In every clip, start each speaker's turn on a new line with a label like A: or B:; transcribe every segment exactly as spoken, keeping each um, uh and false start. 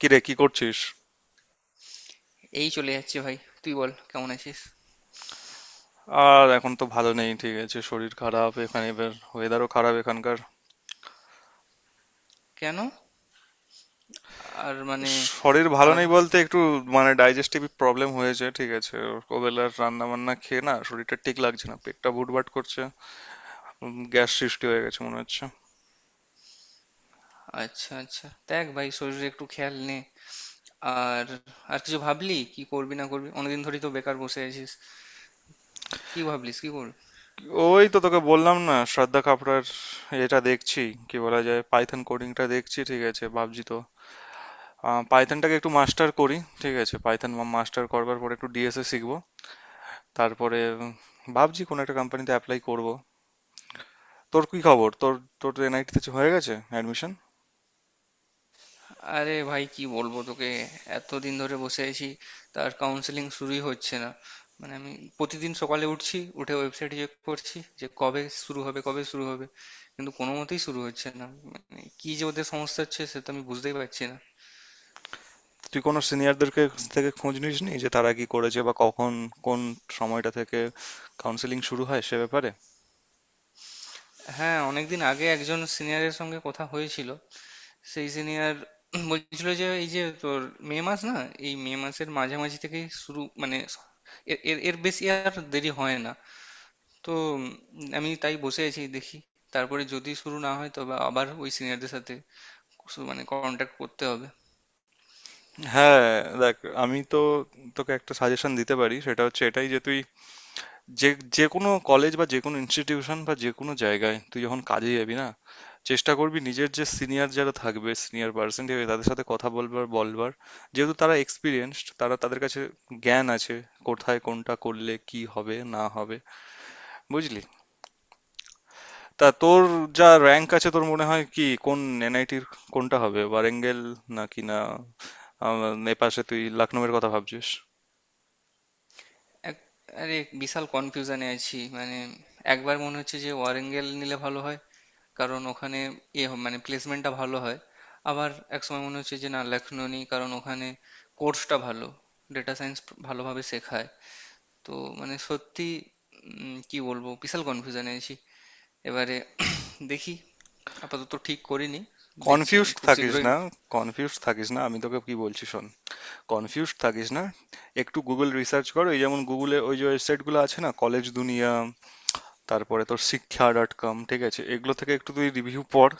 A: কিরে, কি করছিস?
B: এই চলে যাচ্ছে ভাই। তুই বল কেমন আছিস।
A: আর এখন তো ভালো নেই, ঠিক আছে? শরীর খারাপ এখানে, এবার ওয়েদারও খারাপ এখানকার।
B: কেন? আর মানে
A: শরীর ভালো নেই
B: আলাদা।
A: বলতে একটু মানে ডাইজেস্টিভ প্রবলেম হয়েছে, ঠিক আছে। ওবেলার রান্না বান্না খেয়ে না শরীরটা ঠিক লাগছে না, পেটটা ভুটভাট করছে। গ্যাস সৃষ্টি হয়ে গেছে মনে হচ্ছে।
B: আচ্ছা আচ্ছা, দেখ ভাই শরীরে একটু খেয়াল নে। আর আর কিছু ভাবলি কি করবি না করবি, অনেকদিন ধরেই তো বেকার বসে আছিস। কি ভাবলিস কি করবি?
A: ওই তো তোকে বললাম না, শ্রদ্ধা কাপড়ার, এটা দেখছি। কি বলা যায়, পাইথন কোডিংটা দেখছি, ঠিক আছে, ভাবছি তো পাইথনটাকে একটু মাস্টার করি। ঠিক আছে, পাইথন মাস্টার করবার পরে একটু ডিএসএ শিখবো, তারপরে উম, ভাবছি কোনো একটা কোম্পানিতে অ্যাপ্লাই করব। তোর কি খবর? তোর তোর এনআইটি তে হয়ে গেছে অ্যাডমিশন?
B: আরে ভাই কি বলবো তোকে, এতদিন ধরে বসে আছি, তার কাউন্সেলিং শুরুই হচ্ছে না। মানে আমি প্রতিদিন সকালে উঠছি, উঠে ওয়েবসাইট চেক করছি যে কবে শুরু হবে কবে শুরু হবে, কিন্তু কোনো মতেই শুরু হচ্ছে না। মানে কি যে ওদের সমস্যা হচ্ছে সে তো আমি বুঝতেই পারছি না।
A: তুই কোনো সিনিয়রদেরকে থেকে খোঁজ নিসনি যে তারা কি করেছে বা কখন কোন সময়টা থেকে কাউন্সেলিং শুরু হয় সে ব্যাপারে?
B: হ্যাঁ, অনেকদিন আগে একজন সিনিয়রের সঙ্গে কথা হয়েছিল। সেই সিনিয়র বলছিল যে এই যে তোর মে মাস না, এই মে মাসের মাঝামাঝি থেকেই শুরু, মানে এর এর এর বেশি আর দেরি হয় না। তো উম, আমি তাই বসে আছি, দেখি। তারপরে যদি শুরু না হয় তবে আবার ওই সিনিয়রদের সাথে কিছু মানে কন্ট্যাক্ট করতে হবে।
A: হ্যাঁ, দেখ, আমি তো তোকে একটা সাজেশন দিতে পারি, সেটা হচ্ছে এটাই যে তুই যে যে কোনো কলেজ বা যে কোনো ইনস্টিটিউশন বা যে কোনো জায়গায় তুই যখন কাজে যাবি না, চেষ্টা করবি নিজের যে সিনিয়র যারা থাকবে, সিনিয়র পার্সন থাকবে, তাদের সাথে কথা বলবার বলবার। যেহেতু তারা এক্সপিরিয়েন্সড, তারা, তাদের কাছে জ্ঞান আছে কোথায় কোনটা করলে কি হবে না হবে। বুঝলি? তা তোর যা র্যাঙ্ক আছে তোর মনে হয় কি, কোন এনআইটির কোনটা হবে? ওয়ারেঙ্গেল, নাকি না, আম, এপাশে তুই লখনউয়ের কথা ভাবছিস?
B: এক, আরে বিশাল কনফিউশনে আছি মানে। একবার মনে হচ্ছে যে ওয়ারেঙ্গেল নিলে ভালো হয়, কারণ ওখানে ইয়ে হ- মানে প্লেসমেন্টটা ভালো হয়। আবার এক সময় মনে হচ্ছে যে না, লখনৌ নেই, কারণ ওখানে কোর্সটা ভালো, ডেটা সায়েন্স ভালোভাবে শেখায়। তো মানে সত্যি উম, কি বলবো, বিশাল কনফিউশনে আছি এবারে। দেখি, আপাতত ঠিক করিনি। দেখছি আমি
A: কনফিউজড
B: খুব
A: থাকিস
B: শীঘ্রই।
A: না। কনফিউজড থাকিস না, আমি তোকে কি বলছি শোন। কনফিউজড থাকিস না। একটু গুগল রিসার্চ করো, এই যেমন গুগলে ওই যে ওয়েবসাইটগুলো আছে না, কলেজ দুনিয়া, তারপরে তোর শিক্ষা ডট কম, ঠিক আছে, এগুলো থেকে একটু তুই রিভিউ পড়।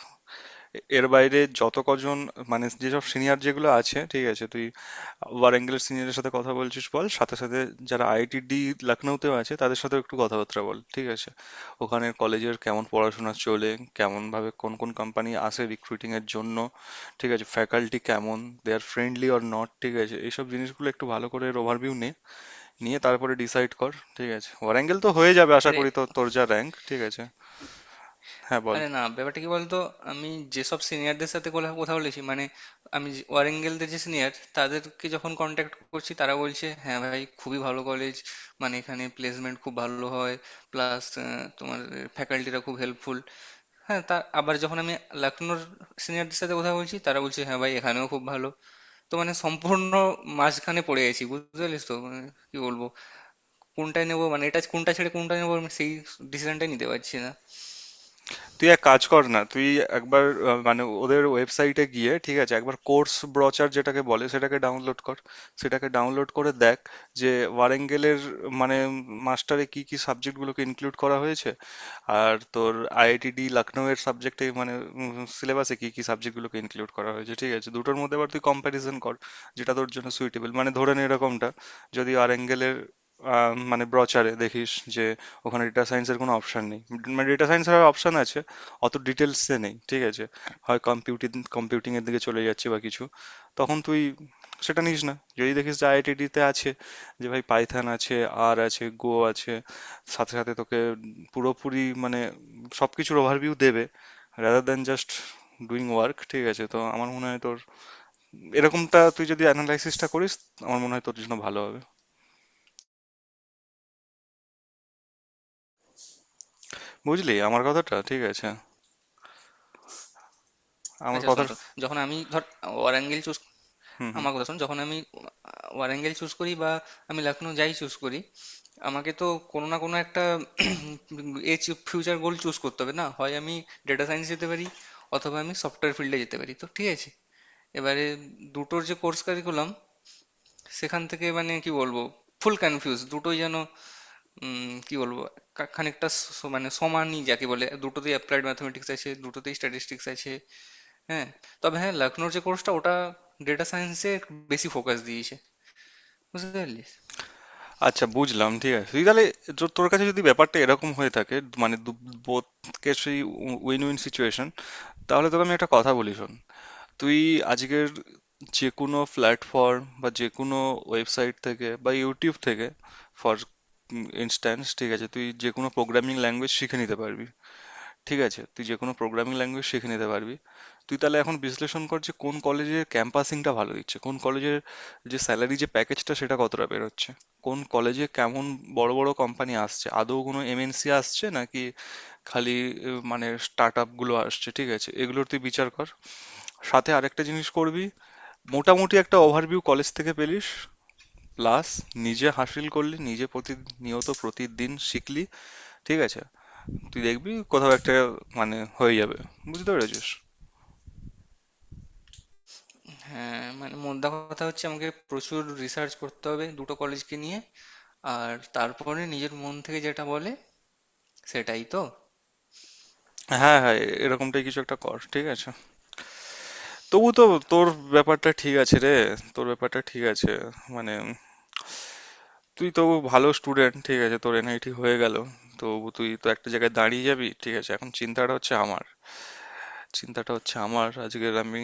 A: এ- এর বাইরে যত কজন মানে যেসব সিনিয়র যেগুলো আছে, ঠিক আছে, তুই ওয়ারাঙ্গলের সিনিয়রের সাথে কথা বলছিস বল, সাথে সাথে যারা আইআইটিডি লখনৌতেও আছে তাদের সাথে একটু কথাবার্তা বল, ঠিক আছে? ওখানে কলেজের কেমন পড়াশোনা চলে, কেমন ভাবে কোন কোন কোম্পানি আসে রিক্রুটিং এর জন্য, ঠিক আছে? ফ্যাকাল্টি কেমন, they are friendly or not, ঠিক আছে, এইসব জিনিসগুলো একটু ভালো করে ওভারভিউ নে, নিয়ে তারপরে ডিসাইড কর। ঠিক আছে, ওয়ারাঙ্গেল তো হয়ে যাবে আশা
B: আরে,
A: করি, তো তোর যা র্যাঙ্ক, ঠিক আছে। হ্যাঁ, বল।
B: আরে না, ব্যাপারটা কি বলতো। আমি যেসব সিনিয়রদের সাথে কোলা- কথা বলেছি মানে, আমি যে- ওয়ারেঙ্গেলদের যে সিনিয়র তাদেরকে যখন কন্ট্যাক্ট করছি তারা বলছে হ্যাঁ ভাই, খুবই ভালো কলেজ, মানে এখানে প্লেসমেন্ট খুব ভালো হয়, প্লাস তোমার ফ্যাকাল্টিরা খুব হেল্পফুল। হ্যাঁ, তা আবার যখন আমি লখনৌর সিনিয়রদের সাথে কথা বলছি, তারা বলছে হ্যাঁ ভাই এখানেও খুব ভালো। তো মানে সম্পূর্ণ মাঝখানে পড়ে গেছি, বুঝতে পারলিস তো। মানে কি বলবো, কোনটায় নেবো, মানে এটা কোনটা ছেড়ে কোনটা নেবো, আমি সেই ডিসিশনটাই নিতে পারছি না।
A: তুই এক কাজ কর না, তুই একবার আহ, মানে ওদের ওয়েবসাইটে গিয়ে, ঠিক আছে, একবার কোর্স ব্রচার যেটাকে বলে সেটাকে ডাউনলোড কর। সেটাকে ডাউনলোড করে দেখ যে ওয়ারেঙ্গেলের মানে মাস্টারে কি কি সাবজেক্টগুলোকে ইনক্লুড করা হয়েছে, আর তোর আইআইটিডি লখনউয়ের সাবজেক্টে মানে সিলেবাসে কি কি সাবজেক্টগুলোকে ইনক্লুড করা হয়েছে, ঠিক আছে, দুটোর মধ্যে আবার তুই কম্প্যারিজন কর, যেটা তোর জন্য সুইটেবল। মানে ধরে নে এরকমটা, যদি ওয়ারেঙ্গেলের আহ, মানে ব্রচারে দেখিস যে ওখানে ডেটা সায়েন্সের কোনো অপশন নেই, মানে ডেটা সায়েন্সের অপশন আছে অত ডিটেলসে নেই, ঠিক আছে, হয় কম্পিউটিং, কম্পিউটিং এর দিকে চলে যাচ্ছি বা কিছু, তখন তুই সেটা নিস না। যদি দেখিস যে আইআইটিডি তে আছে যে ভাই পাইথন আছে, আর আছে গো আছে, সাথে সাথে তোকে পুরোপুরি মানে সবকিছুর ওভারভিউ দেবে, rather than just doing work, ঠিক আছে, তো আমার মনে হয় তোর এরকমটা তুই যদি অ্যানালাইসিসটা করিস আমার মনে হয় তোর জন্য ভালো হবে। বুঝলি আমার কথাটা, ঠিক আছে? আমার
B: আচ্ছা শোন
A: কথার,
B: শোন, যখন আমি ধর ওয়ারাঙ্গল চুজ,
A: হুম হুম।
B: আমার কথা শোন, যখন আমি ওয়ারাঙ্গল চুজ করি বা আমি লখনউ যাই চুজ করি, আমাকে তো কোনো না কোনো একটা এ ফিউচার গোল চুজ করতে হবে। না হয় আমি ডেটা সায়েন্স যেতে পারি, অথবা আমি সফটওয়্যার ফিল্ডে যেতে পারি, তো ঠিক আছে। এবারে দুটোর যে কোর্স কারিকুলাম, সেখান থেকে মানে কি বলবো, ফুল কনফিউজ, দুটোই যেন উম, কি বলবো কা- খানিকটা স- মানে সমানই যাকে বলে, দুটোতেই অ্যাপ্লাইড ম্যাথমেটিক্স আছে, দুটোতেই স্ট্যাটিস্টিক্স আছে। হ্যাঁ, তবে হ্যাঁ, লখনৌর যে কোর্সটা ওটা ডেটা সায়েন্সে বেশি ফোকাস দিয়েছে, বুঝতে পারলি।
A: আচ্ছা, বুঝলাম। ঠিক আছে, তুই তাহলে, যো- তোর কাছে যদি ব্যাপারটা এরকম হয়ে থাকে মানে বোথ কেসই উইন উইন সিচুয়েশন, তাহলে তোকে আমি একটা কথা বলি শোন। তুই আজকের যে কোনো প্ল্যাটফর্ম বা যে কোনো ওয়েবসাইট থেকে বা ইউটিউব থেকে, ফর ইনস্ট্যান্স, ঠিক আছে, তুই যে কোনো প্রোগ্রামিং ল্যাঙ্গুয়েজ শিখে নিতে পারবি। ঠিক আছে, তুই যেকোনো প্রোগ্রামিং ল্যাঙ্গুয়েজ শিখে নিতে পারবি। তুই তাহলে এখন বিশ্লেষণ কর যে কোন কলেজের ক্যাম্পাসিংটা ভালো দিচ্ছে, কোন কলেজের যে স্যালারি, যে প্যাকেজটা সেটা কতটা বেরোচ্ছে, কোন কলেজে কেমন বড় বড় কোম্পানি আসছে, আদৌ কোনো এমএনসি আসছে নাকি খালি আহ, মানে স্টার্টআপ গুলো আসছে, ঠিক আছে, এগুলোর তুই বিচার কর। সাথে আরেকটা জিনিস করবি, মোটামুটি একটা ওভারভিউ কলেজ থেকে পেলিস, প্লাস নিজে হাসিল করলি, নিজে প্রতিনিয়ত প্রতিদিন শিখলি, ঠিক আছে, তুই দেখবি কোথাও একটা মানে হয়ে যাবে। বুঝতে পেরেছিস?
B: হ্যাঁ মানে মোদ্দা কথা হচ্ছে আমাকে প্রচুর রিসার্চ করতে হবে দুটো কলেজকে নিয়ে, আর তারপরে নিজের মন থেকে যেটা বলে সেটাই তো।
A: হ্যাঁ হ্যাঁ, এ- এরকমটাই কিছু একটা কর, ঠিক আছে। তবু তো তোর ব্যাপারটা ঠিক আছে রে। তোর ব্যাপারটা ঠিক আছে, মানে তুই তো ভালো স্টুডেন্ট, ঠিক আছে, তোর এনআইটি হয়ে গেল, তবু তুই তো একটা জায়গায় দাঁড়িয়ে যাবি। ঠিক আছে, এখন চিন্তাটা হচ্ছে আমার চিন্তাটা হচ্ছে আমার আজকের, আমি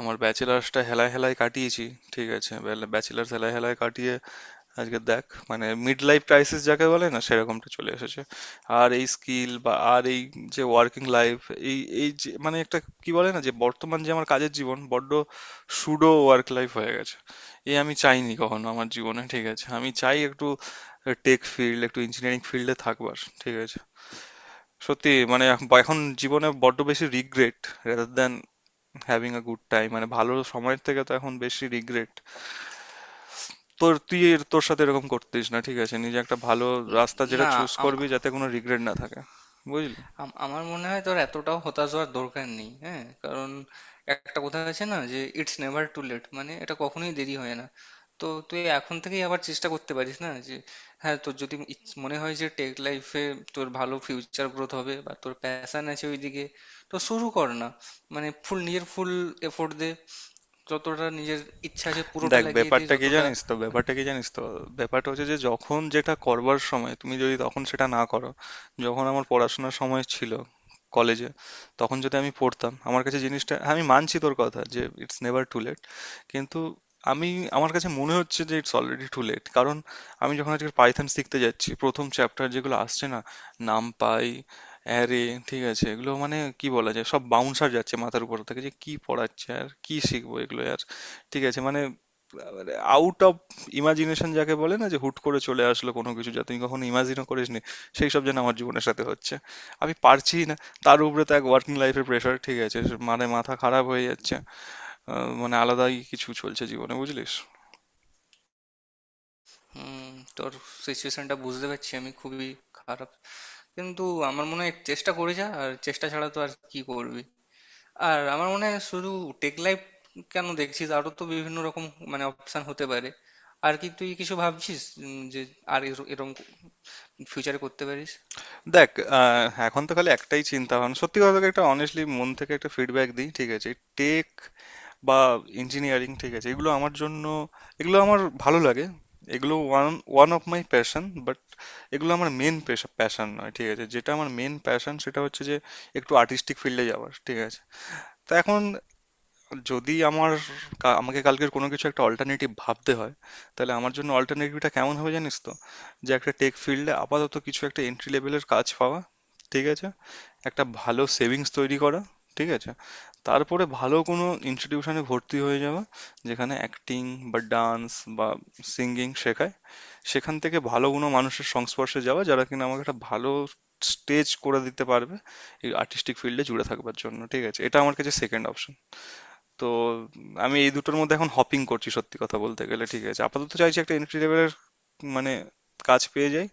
A: আমার ব্যাচেলার্সটা হেলায় হেলায় কাটিয়েছি। ঠিক আছে, ব্যাচেলার্স হেলায় হেলায় কাটিয়ে আজকে দেখ মানে মিড লাইফ ক্রাইসিস যাকে বলে না, সেরকমটা চলে এসেছে। আর এই স্কিল বা আর এই যে ওয়ার্কিং লাইফ, এই এই যে মানে একটা, কি বলে না, যে বর্তমান যে আমার কাজের জীবন বড্ড সুডো ওয়ার্ক লাইফ হয়ে গেছে। এ আমি চাইনি কখনো আমার জীবনে, ঠিক আছে, আমি চাই একটু টেক ফিল্ড, একটু ইঞ্জিনিয়ারিং ফিল্ডে থাকবার, ঠিক আছে। সত্যি মানে এখন এখন জীবনে বড্ড বেশি regret, rather than having a good time, মানে ভালো সময়ের থেকে তো এখন বেশি রিগ্রেট। তোর, তুই এর তোর সাথে এরকম করতিস না, ঠিক আছে, নিজে একটা ভালো
B: উম,
A: রাস্তা যেটা
B: না,
A: চুজ
B: আম-
A: করবি যাতে কোনো রিগ্রেট না থাকে। বুঝলি?
B: আম- আমার মনে হয় তোর এতটাও হতাশ হওয়ার দরকার নেই, হ্যাঁ, কারণ একটা কথা আছে না, যে ইটস নেভার টু লেট, মানে এটা কখনোই দেরি হয় না। তো তুই এখন থেকেই আবার চেষ্টা করতে পারিস না, যে হ্যাঁ তোর যদি ইচ- মনে হয় যে টেক লাইফে তোর ভালো ফিউচার গ্রোথ হবে বা তোর প্যাশন আছে ওইদিকে, তো শুরু কর না। মানে ফুল, নিজের ফুল এফোর্ট দে, যতটা নিজের ইচ্ছা আছে পুরোটা
A: দেখ,
B: লাগিয়ে দে,
A: ব্যাপারটা কি
B: যতটা
A: জানিস তো
B: মানে।
A: ব্যাপারটা কি জানিস তো ব্যাপারটা হচ্ছে যে যখন যেটা করবার সময় তুমি যদি তখন সেটা না করো। যখন আমার পড়াশোনার সময় ছিল কলেজে, তখন যদি আমি পড়তাম আমার কাছে জিনিসটা, হ্যাঁ, আমি মানছি তোর কথা যে ইটস নেভার টু লেট, কিন্তু আমি, আমার কাছে মনে হচ্ছে যে ইটস অলরেডি টু লেট। কারণ আমি যখন আজকে পাইথন শিখতে যাচ্ছি প্রথম চ্যাপ্টার যেগুলো আসছে না, নামপাই, অ্যারে, ঠিক আছে, এগুলো মানে কি বলা যায়, সব বাউন্সার যাচ্ছে মাথার উপর থেকে, যে কি পড়াচ্ছে আর কি শিখবো এগুলো আর, ঠিক আছে, মানে আউট অফ ইমাজিনেশন যাকে বলে না, যে হুট করে চলে আসলো কোনো কিছু যা তুমি কখনো ইমাজিনও করিসনি, সেই সব যেন আমার জীবনের সাথে হচ্ছে, আমি পারছি না। তার উপরে তো এক ওয়ার্কিং লাইফের প্রেশার, ঠিক আছে, মানে মাথা খারাপ হয়ে যাচ্ছে। আহ, মানে আলাদাই কিছু চলছে জীবনে, বুঝলিস?
B: হুম, তোর সিচুয়েশনটা বুঝতে পারছি, আমি খুবই খারাপ, কিন্তু আমার মনে হয় চেষ্টা করে যা, আর চেষ্টা ছাড়া তো আর কি করবি। আর আমার মনে হয় শুধু টেক লাইফ কেন দেখছিস, আরো তো বিভিন্ন রকম মানে অপশন হতে পারে। আর কি তুই কিছু ভাবছিস উম, যে আর এর- এরকম ফিউচারে করতে পারিস।
A: দেখ, আহ, এখন তো খালি একটাই চিন্তা ভাবনা, সত্যি কথা তোকে একটা অনেস্টলি মন থেকে একটা ফিডব্যাক দিই, ঠিক আছে। টেক বা ইঞ্জিনিয়ারিং, ঠিক আছে, এগুলো আমার জন্য, এগুলো আমার ভালো লাগে। এগুলো one one of my passion, এগুলো আমার মেন প্যাশন নয়, ঠিক আছে। যেটা আমার মেন প্যাশন সেটা হচ্ছে যে একটু আর্টিস্টিক ফিল্ডে যাওয়ার, ঠিক আছে। তা এখন যদি আমার, কা- আমাকে কালকের কোনো কিছু একটা অল্টারনেটিভ ভাবতে হয়, তাহলে আমার জন্য অল্টারনেটিভটা কেমন হবে জানিস তো, যে একটা টেক ফিল্ডে আপাতত কিছু একটা এন্ট্রি লেভেলের কাজ পাওয়া, ঠিক আছে, একটা ভালো সেভিংস তৈরি করা, ঠিক আছে, তারপরে ভালো কোনো ইনস্টিটিউশনে ভর্তি হয়ে যাওয়া যেখানে অ্যাক্টিং বা ডান্স বা সিঙ্গিং শেখায়, সেখান থেকে ভালো কোনো মানুষের সংস্পর্শে যাওয়া যারা কিনা আমাকে একটা ভালো স্টেজ করে দিতে পারবে এই আর্টিস্টিক ফিল্ডে জুড়ে থাকবার জন্য, ঠিক আছে, এটা আমার কাছে সেকেন্ড অপশন। তো উম, আমি এই দুটোর মধ্যে এখন হপিং করছি সত্যি কথা বলতে গেলে, ঠিক আছে, আপাতত চাইছি একটা এন্ট্রি লেভেলের মানে কাজ পেয়ে যাই,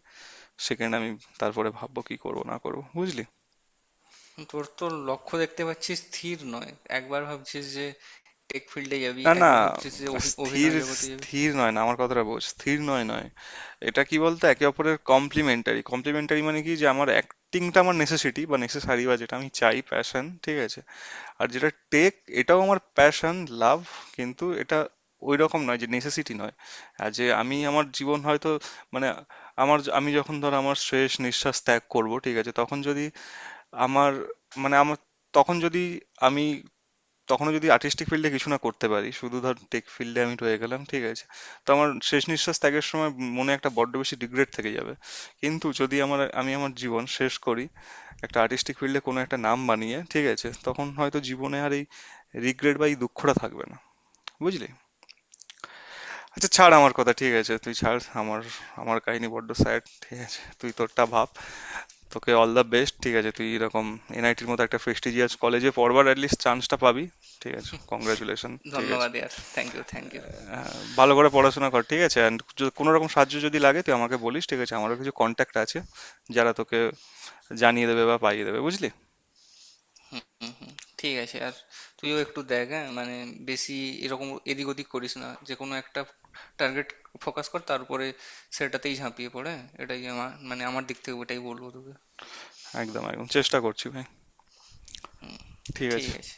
A: সেকেন্ড আমি তারপরে ভাববো কি করব না করব। বুঝলি?
B: তোর তো লক্ষ্য দেখতে পাচ্ছিস স্থির নয়, একবার ভাবছিস যে টেক ফিল্ডে যাবি,
A: না না,
B: একবার ভাবছিস যে অভি-
A: স্থির
B: অভিনয় জগতে যাবি।
A: স্থির নয় না, আমার কথাটা বোঝ, স্থির নয় নয়। এটা কি বলতো, একে অপরের কমপ্লিমেন্টারি কমপ্লিমেন্টারি, মানে কি যে আমার অ্যাক্টিংটা আমার নেসেসিটি বা নেসেসারি বা যেটা আমি চাই, প্যাশন, ঠিক আছে। আর যেটা টেক, এটাও আমার প্যাশন, লাভ, কিন্তু এটা ওই রকম নয়, যে নেসেসিটি নয়। আর যে আমি আমার জীবন হয়তো, মানে আমার য- আমি যখন ধর আমার শেষ নিঃশ্বাস ত্যাগ করব, ঠিক আছে, তখন যদি আমার, মানে আমার, তখন যদি আমি, তখনও যদি আর্টিস্টিক ফিল্ডে কিছু না করতে পারি, শুধু ধর টেক ফিল্ডে আমি রয়ে গেলাম, ঠিক আছে, তো আমার শেষ নিঃশ্বাস ত্যাগের সময় মনে একটা বড্ড বেশি রিগ্রেট থেকে যাবে। কিন্তু যদি আমার, আমি আমার জীবন শেষ করি একটা আর্টিস্টিক ফিল্ডে কোনো একটা নাম বানিয়ে, ঠিক আছে, তখন হয়তো জীবনে আর এই রিগ্রেট বা এই দুঃখটা থাকবে না। বুঝলি? আচ্ছা, ছাড় আমার কথা, ঠিক আছে, তুই ছাড় আমার, আমার কাহিনী বড্ড স্যাড, ঠিক আছে, তুই তোরটা ভাব। তোকে অল দ্য বেস্ট, ঠিক আছে, তুই এরকম এনআইটির মতো একটা প্রেস্টিজিয়াস কলেজে পড়বার অ্যাটলিস্ট চান্সটা পাবি। ঠিক আছে, কংগ্রাচুলেশন, ঠিক আছে।
B: ধন্যবাদ ইয়ার, থ্যাংক ইউ থ্যাংক ইউ।
A: আহ, ভালো করে পড়াশোনা কর, ঠিক আছে, অ্যান্ড কোনো রকম সাহায্য যদি লাগে তুই আমাকে বলিস, ঠিক আছে, আমারও কিছু কন্ট্যাক্ট আছে যারা তোকে জানিয়ে দেবে বা পাইয়ে দেবে, বুঝলি।
B: হুম হুম, ঠিক আছে। আর তুইও একটু দেখ, হ্যাঁ মানে, বেশি এরকম এদিক ওদিক করিস না, যে কোনো একটা টার্গেট ফোকাস কর, তারপরে সেটাতেই ঝাঁপিয়ে পড়ে, হ্যাঁ? এটাই আমার মানে, আমার দিক থেকে ওটাই বলবো তোকে।
A: একদম একদম চেষ্টা করছি ভাই, ঠিক
B: ঠিক
A: আছে।
B: আছে।